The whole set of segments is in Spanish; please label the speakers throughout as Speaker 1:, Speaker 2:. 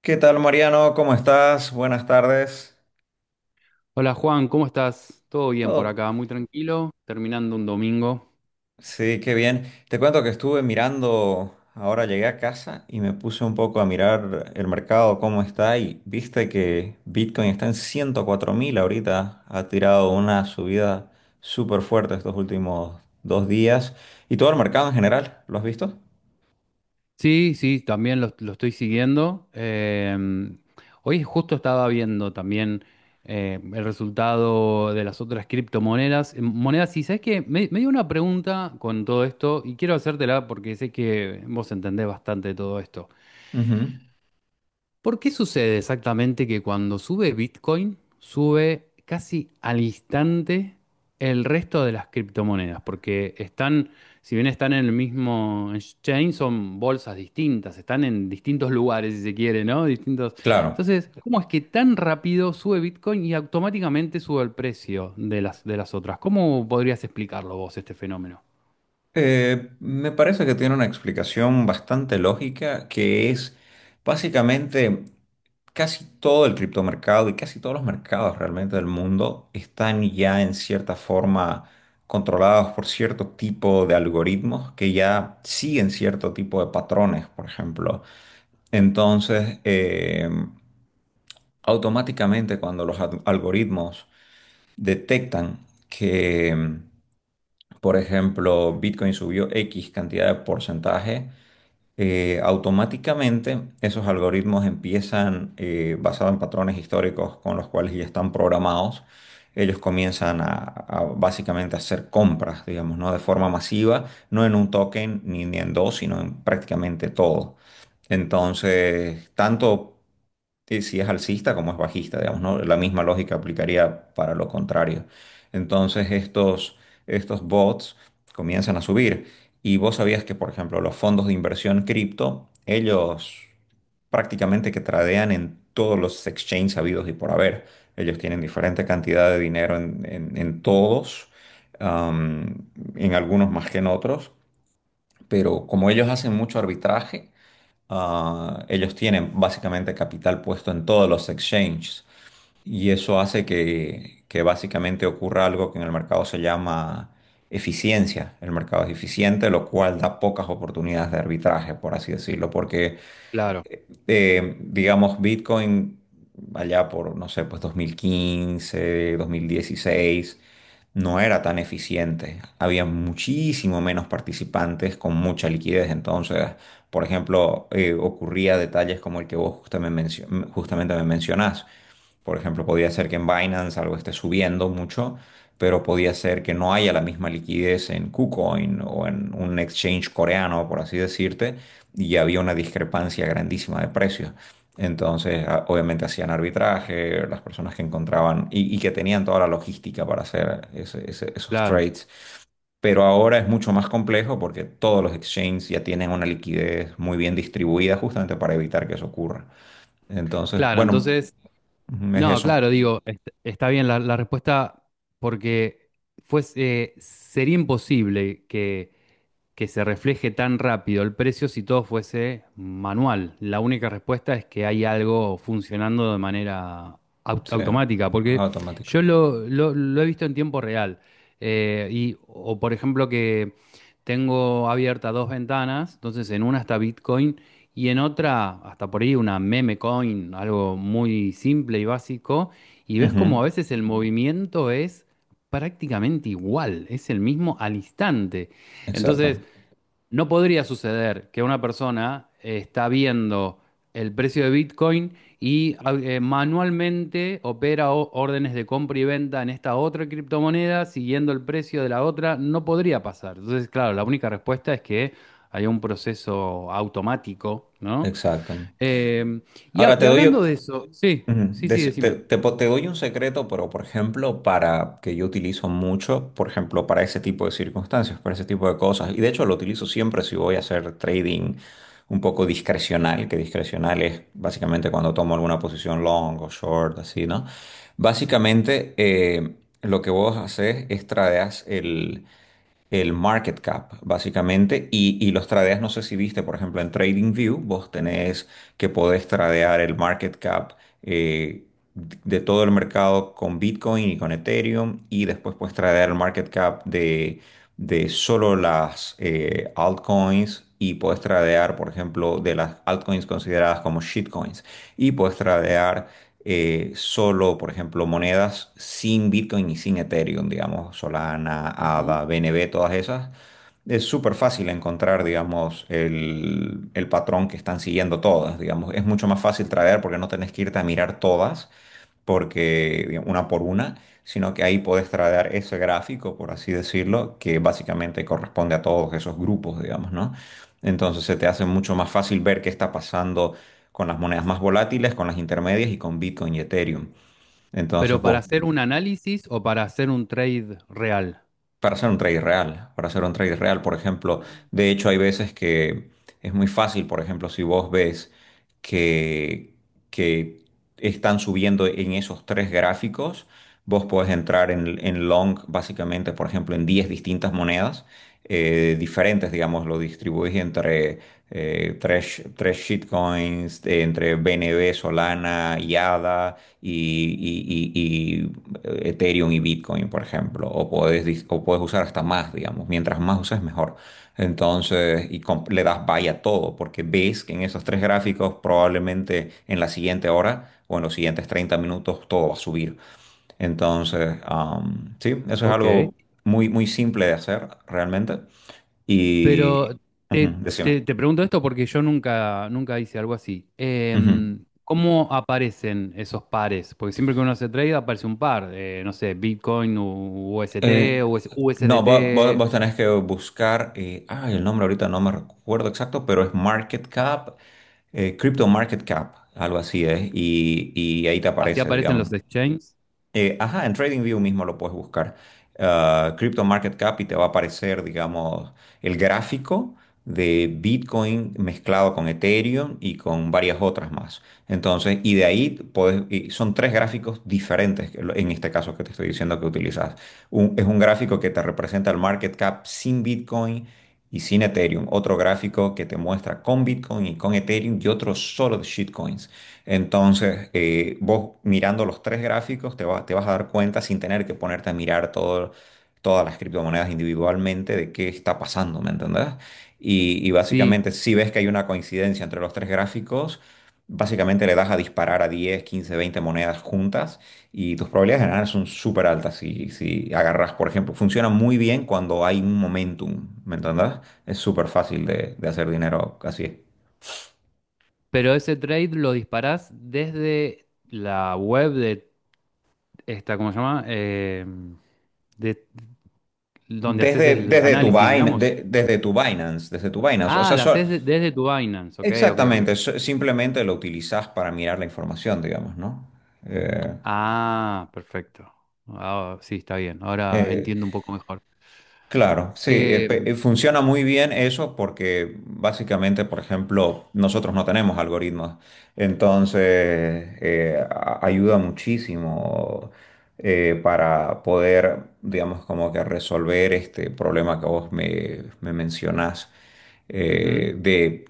Speaker 1: ¿Qué tal, Mariano? ¿Cómo estás? Buenas tardes.
Speaker 2: Hola Juan, ¿cómo estás? Todo bien por
Speaker 1: Todo.
Speaker 2: acá, muy tranquilo, terminando un domingo.
Speaker 1: Sí, qué bien. Te cuento que estuve mirando, ahora llegué a casa y me puse un poco a mirar el mercado, cómo está, y viste que Bitcoin está en 104.000 ahorita. Ha tirado una subida súper fuerte estos últimos 2 días. Y todo el mercado en general, ¿lo has visto?
Speaker 2: Sí, sí, también lo estoy siguiendo. Hoy justo estaba viendo también el resultado de las otras criptomonedas. Monedas, y sabes que me dio una pregunta con todo esto y quiero hacértela porque sé que vos entendés bastante de todo esto.
Speaker 1: Ujú.
Speaker 2: ¿Por qué sucede exactamente que cuando sube Bitcoin, sube casi al instante el resto de las criptomonedas? Porque están, si bien están en el mismo exchange, son bolsas distintas, están en distintos lugares, si se quiere, ¿no? Distintos.
Speaker 1: Claro.
Speaker 2: Entonces, ¿cómo es que tan rápido sube Bitcoin y automáticamente sube el precio de las otras? ¿Cómo podrías explicarlo vos, este fenómeno?
Speaker 1: Me parece que tiene una explicación bastante lógica, que es básicamente casi todo el criptomercado y casi todos los mercados realmente del mundo están ya en cierta forma controlados por cierto tipo de algoritmos que ya siguen cierto tipo de patrones, por ejemplo. Entonces, automáticamente cuando los algoritmos detectan que, por ejemplo, Bitcoin subió X cantidad de porcentaje, automáticamente esos algoritmos empiezan, basados en patrones históricos con los cuales ya están programados, ellos comienzan a básicamente hacer compras, digamos, ¿no? De forma masiva, no en un token ni en dos, sino en prácticamente todo. Entonces, tanto y si es alcista como es bajista, digamos, ¿no? La misma lógica aplicaría para lo contrario. Entonces estos, Estos bots comienzan a subir. Y vos sabías que, por ejemplo, los fondos de inversión cripto, ellos prácticamente que tradean en todos los exchanges habidos y por haber. Ellos tienen diferente cantidad de dinero en todos, am, en algunos más que en otros, pero como ellos hacen mucho arbitraje, ellos tienen básicamente capital puesto en todos los exchanges y eso hace que básicamente ocurra algo que en el mercado se llama eficiencia. El mercado es eficiente, lo cual da pocas oportunidades de arbitraje, por así decirlo, porque,
Speaker 2: Claro.
Speaker 1: digamos, Bitcoin allá por, no sé, pues 2015, 2016, no era tan eficiente. Había muchísimo menos participantes con mucha liquidez. Entonces, por ejemplo, ocurría detalles como el que vos justamente, justamente me mencionás. Por ejemplo, podía ser que en Binance algo esté subiendo mucho, pero podía ser que no haya la misma liquidez en KuCoin o en un exchange coreano, por así decirte, y había una discrepancia grandísima de precios. Entonces, obviamente hacían arbitraje, las personas que encontraban y que tenían toda la logística para hacer esos
Speaker 2: Claro,
Speaker 1: trades. Pero ahora es mucho más complejo porque todos los exchanges ya tienen una liquidez muy bien distribuida justamente para evitar que eso ocurra. Entonces,
Speaker 2: claro.
Speaker 1: bueno,
Speaker 2: Entonces,
Speaker 1: ujú, es
Speaker 2: no,
Speaker 1: eso,
Speaker 2: claro, digo, está bien la respuesta porque sería imposible que se refleje tan rápido el precio si todo fuese manual. La única respuesta es que hay algo funcionando de manera
Speaker 1: sea
Speaker 2: automática, porque
Speaker 1: automático.
Speaker 2: yo lo he visto en tiempo real. Y, O por ejemplo que tengo abiertas dos ventanas, entonces en una está Bitcoin y en otra, hasta por ahí, una meme coin, algo muy simple y básico, y ves como a
Speaker 1: Ujú.
Speaker 2: veces el movimiento es prácticamente igual, es el mismo al instante. Entonces,
Speaker 1: Exacto,
Speaker 2: no podría suceder que una persona está viendo el precio de Bitcoin y manualmente opera órdenes de compra y venta en esta otra criptomoneda siguiendo el precio de la otra. No podría pasar. Entonces, claro, la única respuesta es que haya un proceso automático, ¿no?
Speaker 1: exacto.
Speaker 2: Eh,
Speaker 1: Ahora
Speaker 2: y
Speaker 1: te doy,
Speaker 2: hablando de eso, sí,
Speaker 1: ujú.
Speaker 2: sí, sí, decime.
Speaker 1: Te doy un secreto, pero, por ejemplo, para que yo utilizo mucho, por ejemplo, para ese tipo de circunstancias, para ese tipo de cosas. Y de hecho lo utilizo siempre si voy a hacer trading un poco discrecional, que discrecional es básicamente cuando tomo alguna posición long o short, así, ¿no? Básicamente, lo que vos haces es tradeas el market cap, básicamente, y los tradeas, no sé si viste, por ejemplo, en TradingView, vos tenés que podés tradear el market cap eh, de todo el mercado con Bitcoin y con Ethereum, y después puedes tradear el market cap de solo las altcoins. Y puedes tradear, por ejemplo, de las altcoins consideradas como shitcoins. Y puedes tradear solo, por ejemplo, monedas sin Bitcoin y sin Ethereum, digamos, Solana,
Speaker 2: Ujú.
Speaker 1: ADA, BNB, todas esas. Es súper fácil encontrar, digamos, el patrón que están siguiendo todas, digamos. Es mucho más fácil traer porque no tenés que irte a mirar todas porque digamos, una por una, sino que ahí puedes traer ese gráfico, por así decirlo, que básicamente corresponde a todos esos grupos, digamos, ¿no? Entonces se te hace mucho más fácil ver qué está pasando con las monedas más volátiles, con las intermedias y con Bitcoin y Ethereum. Entonces
Speaker 2: Pero ¿para
Speaker 1: vos,
Speaker 2: hacer un análisis o para hacer un trade real?
Speaker 1: para hacer un trade real, para hacer un trade real, por ejemplo,
Speaker 2: Ah.
Speaker 1: de hecho hay veces que es muy fácil, por ejemplo, si vos ves que, que están subiendo en esos tres gráficos, vos podés entrar en long, básicamente, por ejemplo, en 10 distintas monedas diferentes, digamos, lo distribuís entre tres shitcoins, entre BNB, Solana y ADA y Ethereum y Bitcoin, por ejemplo, o puedes, o puedes usar hasta más, digamos, mientras más uses mejor. Entonces, y le das buy a todo, porque ves que en esos tres gráficos probablemente en la siguiente hora o en los siguientes 30 minutos todo va a subir. Entonces, sí, eso es
Speaker 2: Ok.
Speaker 1: algo muy, muy simple de hacer realmente. Y,
Speaker 2: Pero
Speaker 1: ujú,
Speaker 2: te,
Speaker 1: decime.
Speaker 2: te pregunto esto porque yo nunca, nunca hice algo así.
Speaker 1: Ujú.
Speaker 2: Em, ¿cómo aparecen esos pares? Porque siempre que uno hace trade aparece un par. No sé, Bitcoin, UST,
Speaker 1: Eh, No, vos
Speaker 2: USDT.
Speaker 1: tenés que buscar, ay, el nombre ahorita no me recuerdo exacto, pero es Market Cap, Crypto Market Cap, algo así es, y ahí te
Speaker 2: Así
Speaker 1: aparece,
Speaker 2: aparecen
Speaker 1: digamos.
Speaker 2: los exchanges.
Speaker 1: Ajá, en TradingView mismo lo puedes buscar. Ah, Crypto Market Cap y te va a aparecer, digamos, el gráfico de Bitcoin mezclado con Ethereum y con varias otras más. Entonces, y de ahí podés- y son tres gráficos diferentes que en este caso que te estoy diciendo que utilizas. Es un gráfico que te representa el market cap sin Bitcoin y sin Ethereum. Otro gráfico que te muestra con Bitcoin y con Ethereum y otro solo de shitcoins. Entonces, vos mirando los tres gráficos te, te vas a dar cuenta sin tener que ponerte a mirar todas las criptomonedas individualmente de qué está pasando, ¿me entendés? Y
Speaker 2: Sí,
Speaker 1: básicamente, si ves que hay una coincidencia entre los tres gráficos, básicamente le das a disparar a 10, 15, 20 monedas juntas y tus probabilidades de ganar son súper altas. Si, si agarras, por ejemplo, funciona muy bien cuando hay un momentum, ¿me entendés? Es súper fácil de hacer dinero así.
Speaker 2: pero ese trade lo disparás desde la web de esta, ¿cómo se llama? Em, de, donde haces el
Speaker 1: Desde tu
Speaker 2: análisis, digamos.
Speaker 1: Desde tu Binance, desde tu Binance. O
Speaker 2: Ah,
Speaker 1: sea,
Speaker 2: la haces desde tu Binance. Ok, ok, ok.
Speaker 1: exactamente, simplemente lo utilizas para mirar la información, digamos, ¿no? Eh,
Speaker 2: Ah, perfecto. Ah, sí, está bien. Ahora
Speaker 1: eh,
Speaker 2: entiendo un poco mejor.
Speaker 1: Claro, sí,
Speaker 2: Eh,
Speaker 1: funciona muy bien eso porque básicamente, por ejemplo, nosotros no tenemos algoritmos, entonces ayuda muchísimo para poder, digamos, como que resolver este problema que vos me mencionás,
Speaker 2: ujú.
Speaker 1: eh, de,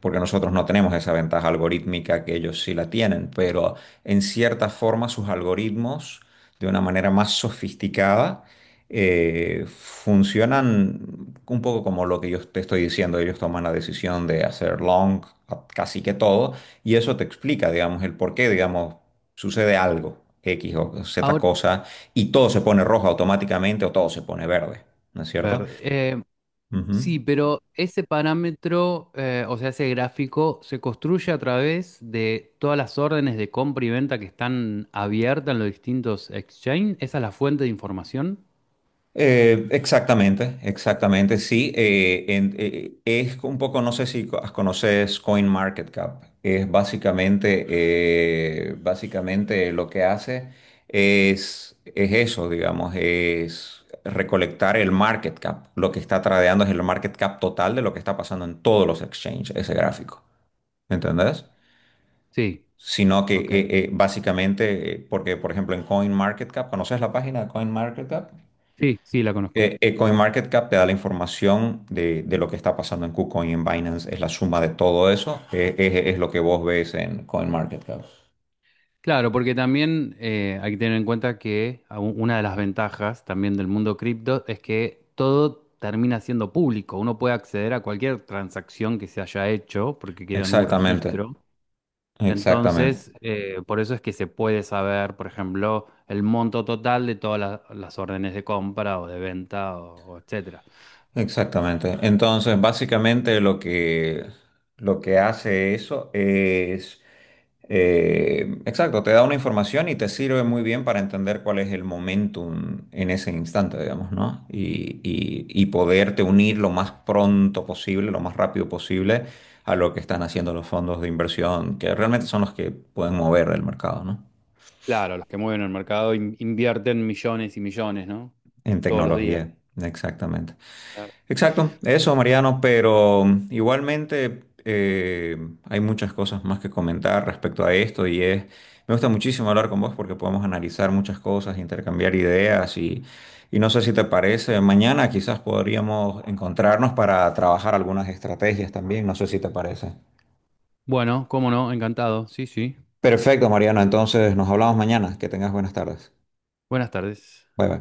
Speaker 1: porque nosotros no tenemos esa ventaja algorítmica que ellos sí la tienen, pero en cierta forma sus algoritmos, de una manera más sofisticada, funcionan un poco como lo que yo te estoy diciendo. Ellos toman la decisión de hacer long a casi que todo y eso te explica, digamos, el por qué, digamos, sucede algo, X o Z
Speaker 2: Ahora,
Speaker 1: cosa, y todo se pone rojo automáticamente o todo se pone verde, ¿no es cierto?
Speaker 2: verde.
Speaker 1: Ujú.
Speaker 2: Sí, pero ese parámetro, o sea, ese gráfico, se construye a través de todas las órdenes de compra y venta que están abiertas en los distintos exchanges. ¿Esa es la fuente de información?
Speaker 1: Exactamente, exactamente, sí. Es un poco, no sé si conoces CoinMarketCap. Es básicamente, básicamente lo que hace es eso, digamos, es recolectar el market cap. Lo que está tradeando es el market cap total de lo que está pasando en todos los exchanges, ese gráfico. ¿Entendés?
Speaker 2: Sí,
Speaker 1: Sino que
Speaker 2: ok.
Speaker 1: básicamente, porque por ejemplo en CoinMarketCap, ¿conoces la página de CoinMarketCap?
Speaker 2: Sí, sí, la conozco.
Speaker 1: CoinMarketCap te da la información de lo que está pasando en KuCoin y en Binance, es la suma de todo eso, es lo que vos ves en CoinMarketCap.
Speaker 2: Claro, porque también hay que tener en cuenta que una de las ventajas también del mundo cripto es que todo termina siendo público. Uno puede acceder a cualquier transacción que se haya hecho porque queda en un
Speaker 1: Exactamente,
Speaker 2: registro.
Speaker 1: exactamente.
Speaker 2: Entonces, por eso es que se puede saber, por ejemplo, el monto total de todas las órdenes de compra o de venta o etcétera.
Speaker 1: Exactamente. Entonces, básicamente lo que hace eso es, exacto, te da una información y te sirve muy bien para entender cuál es el momentum en ese instante, digamos, ¿no? Y poderte unir lo más pronto posible, lo más rápido posible a lo que están haciendo los fondos de inversión, que realmente son los que pueden mover el mercado, ¿no?
Speaker 2: Claro, los que mueven el mercado invierten millones y millones, ¿no?
Speaker 1: En
Speaker 2: Todos los días.
Speaker 1: tecnología, exactamente.
Speaker 2: Claro.
Speaker 1: Exacto, eso Mariano, pero igualmente hay muchas cosas más que comentar respecto a esto y es, me gusta muchísimo hablar con vos porque podemos analizar muchas cosas, intercambiar ideas y no sé si te parece, mañana quizás podríamos encontrarnos para trabajar algunas estrategias también, no sé si te parece.
Speaker 2: Bueno, cómo no, encantado. Sí, sí.
Speaker 1: Perfecto Mariano, entonces nos hablamos mañana, que tengas buenas tardes.
Speaker 2: Buenas tardes.
Speaker 1: Bye bye.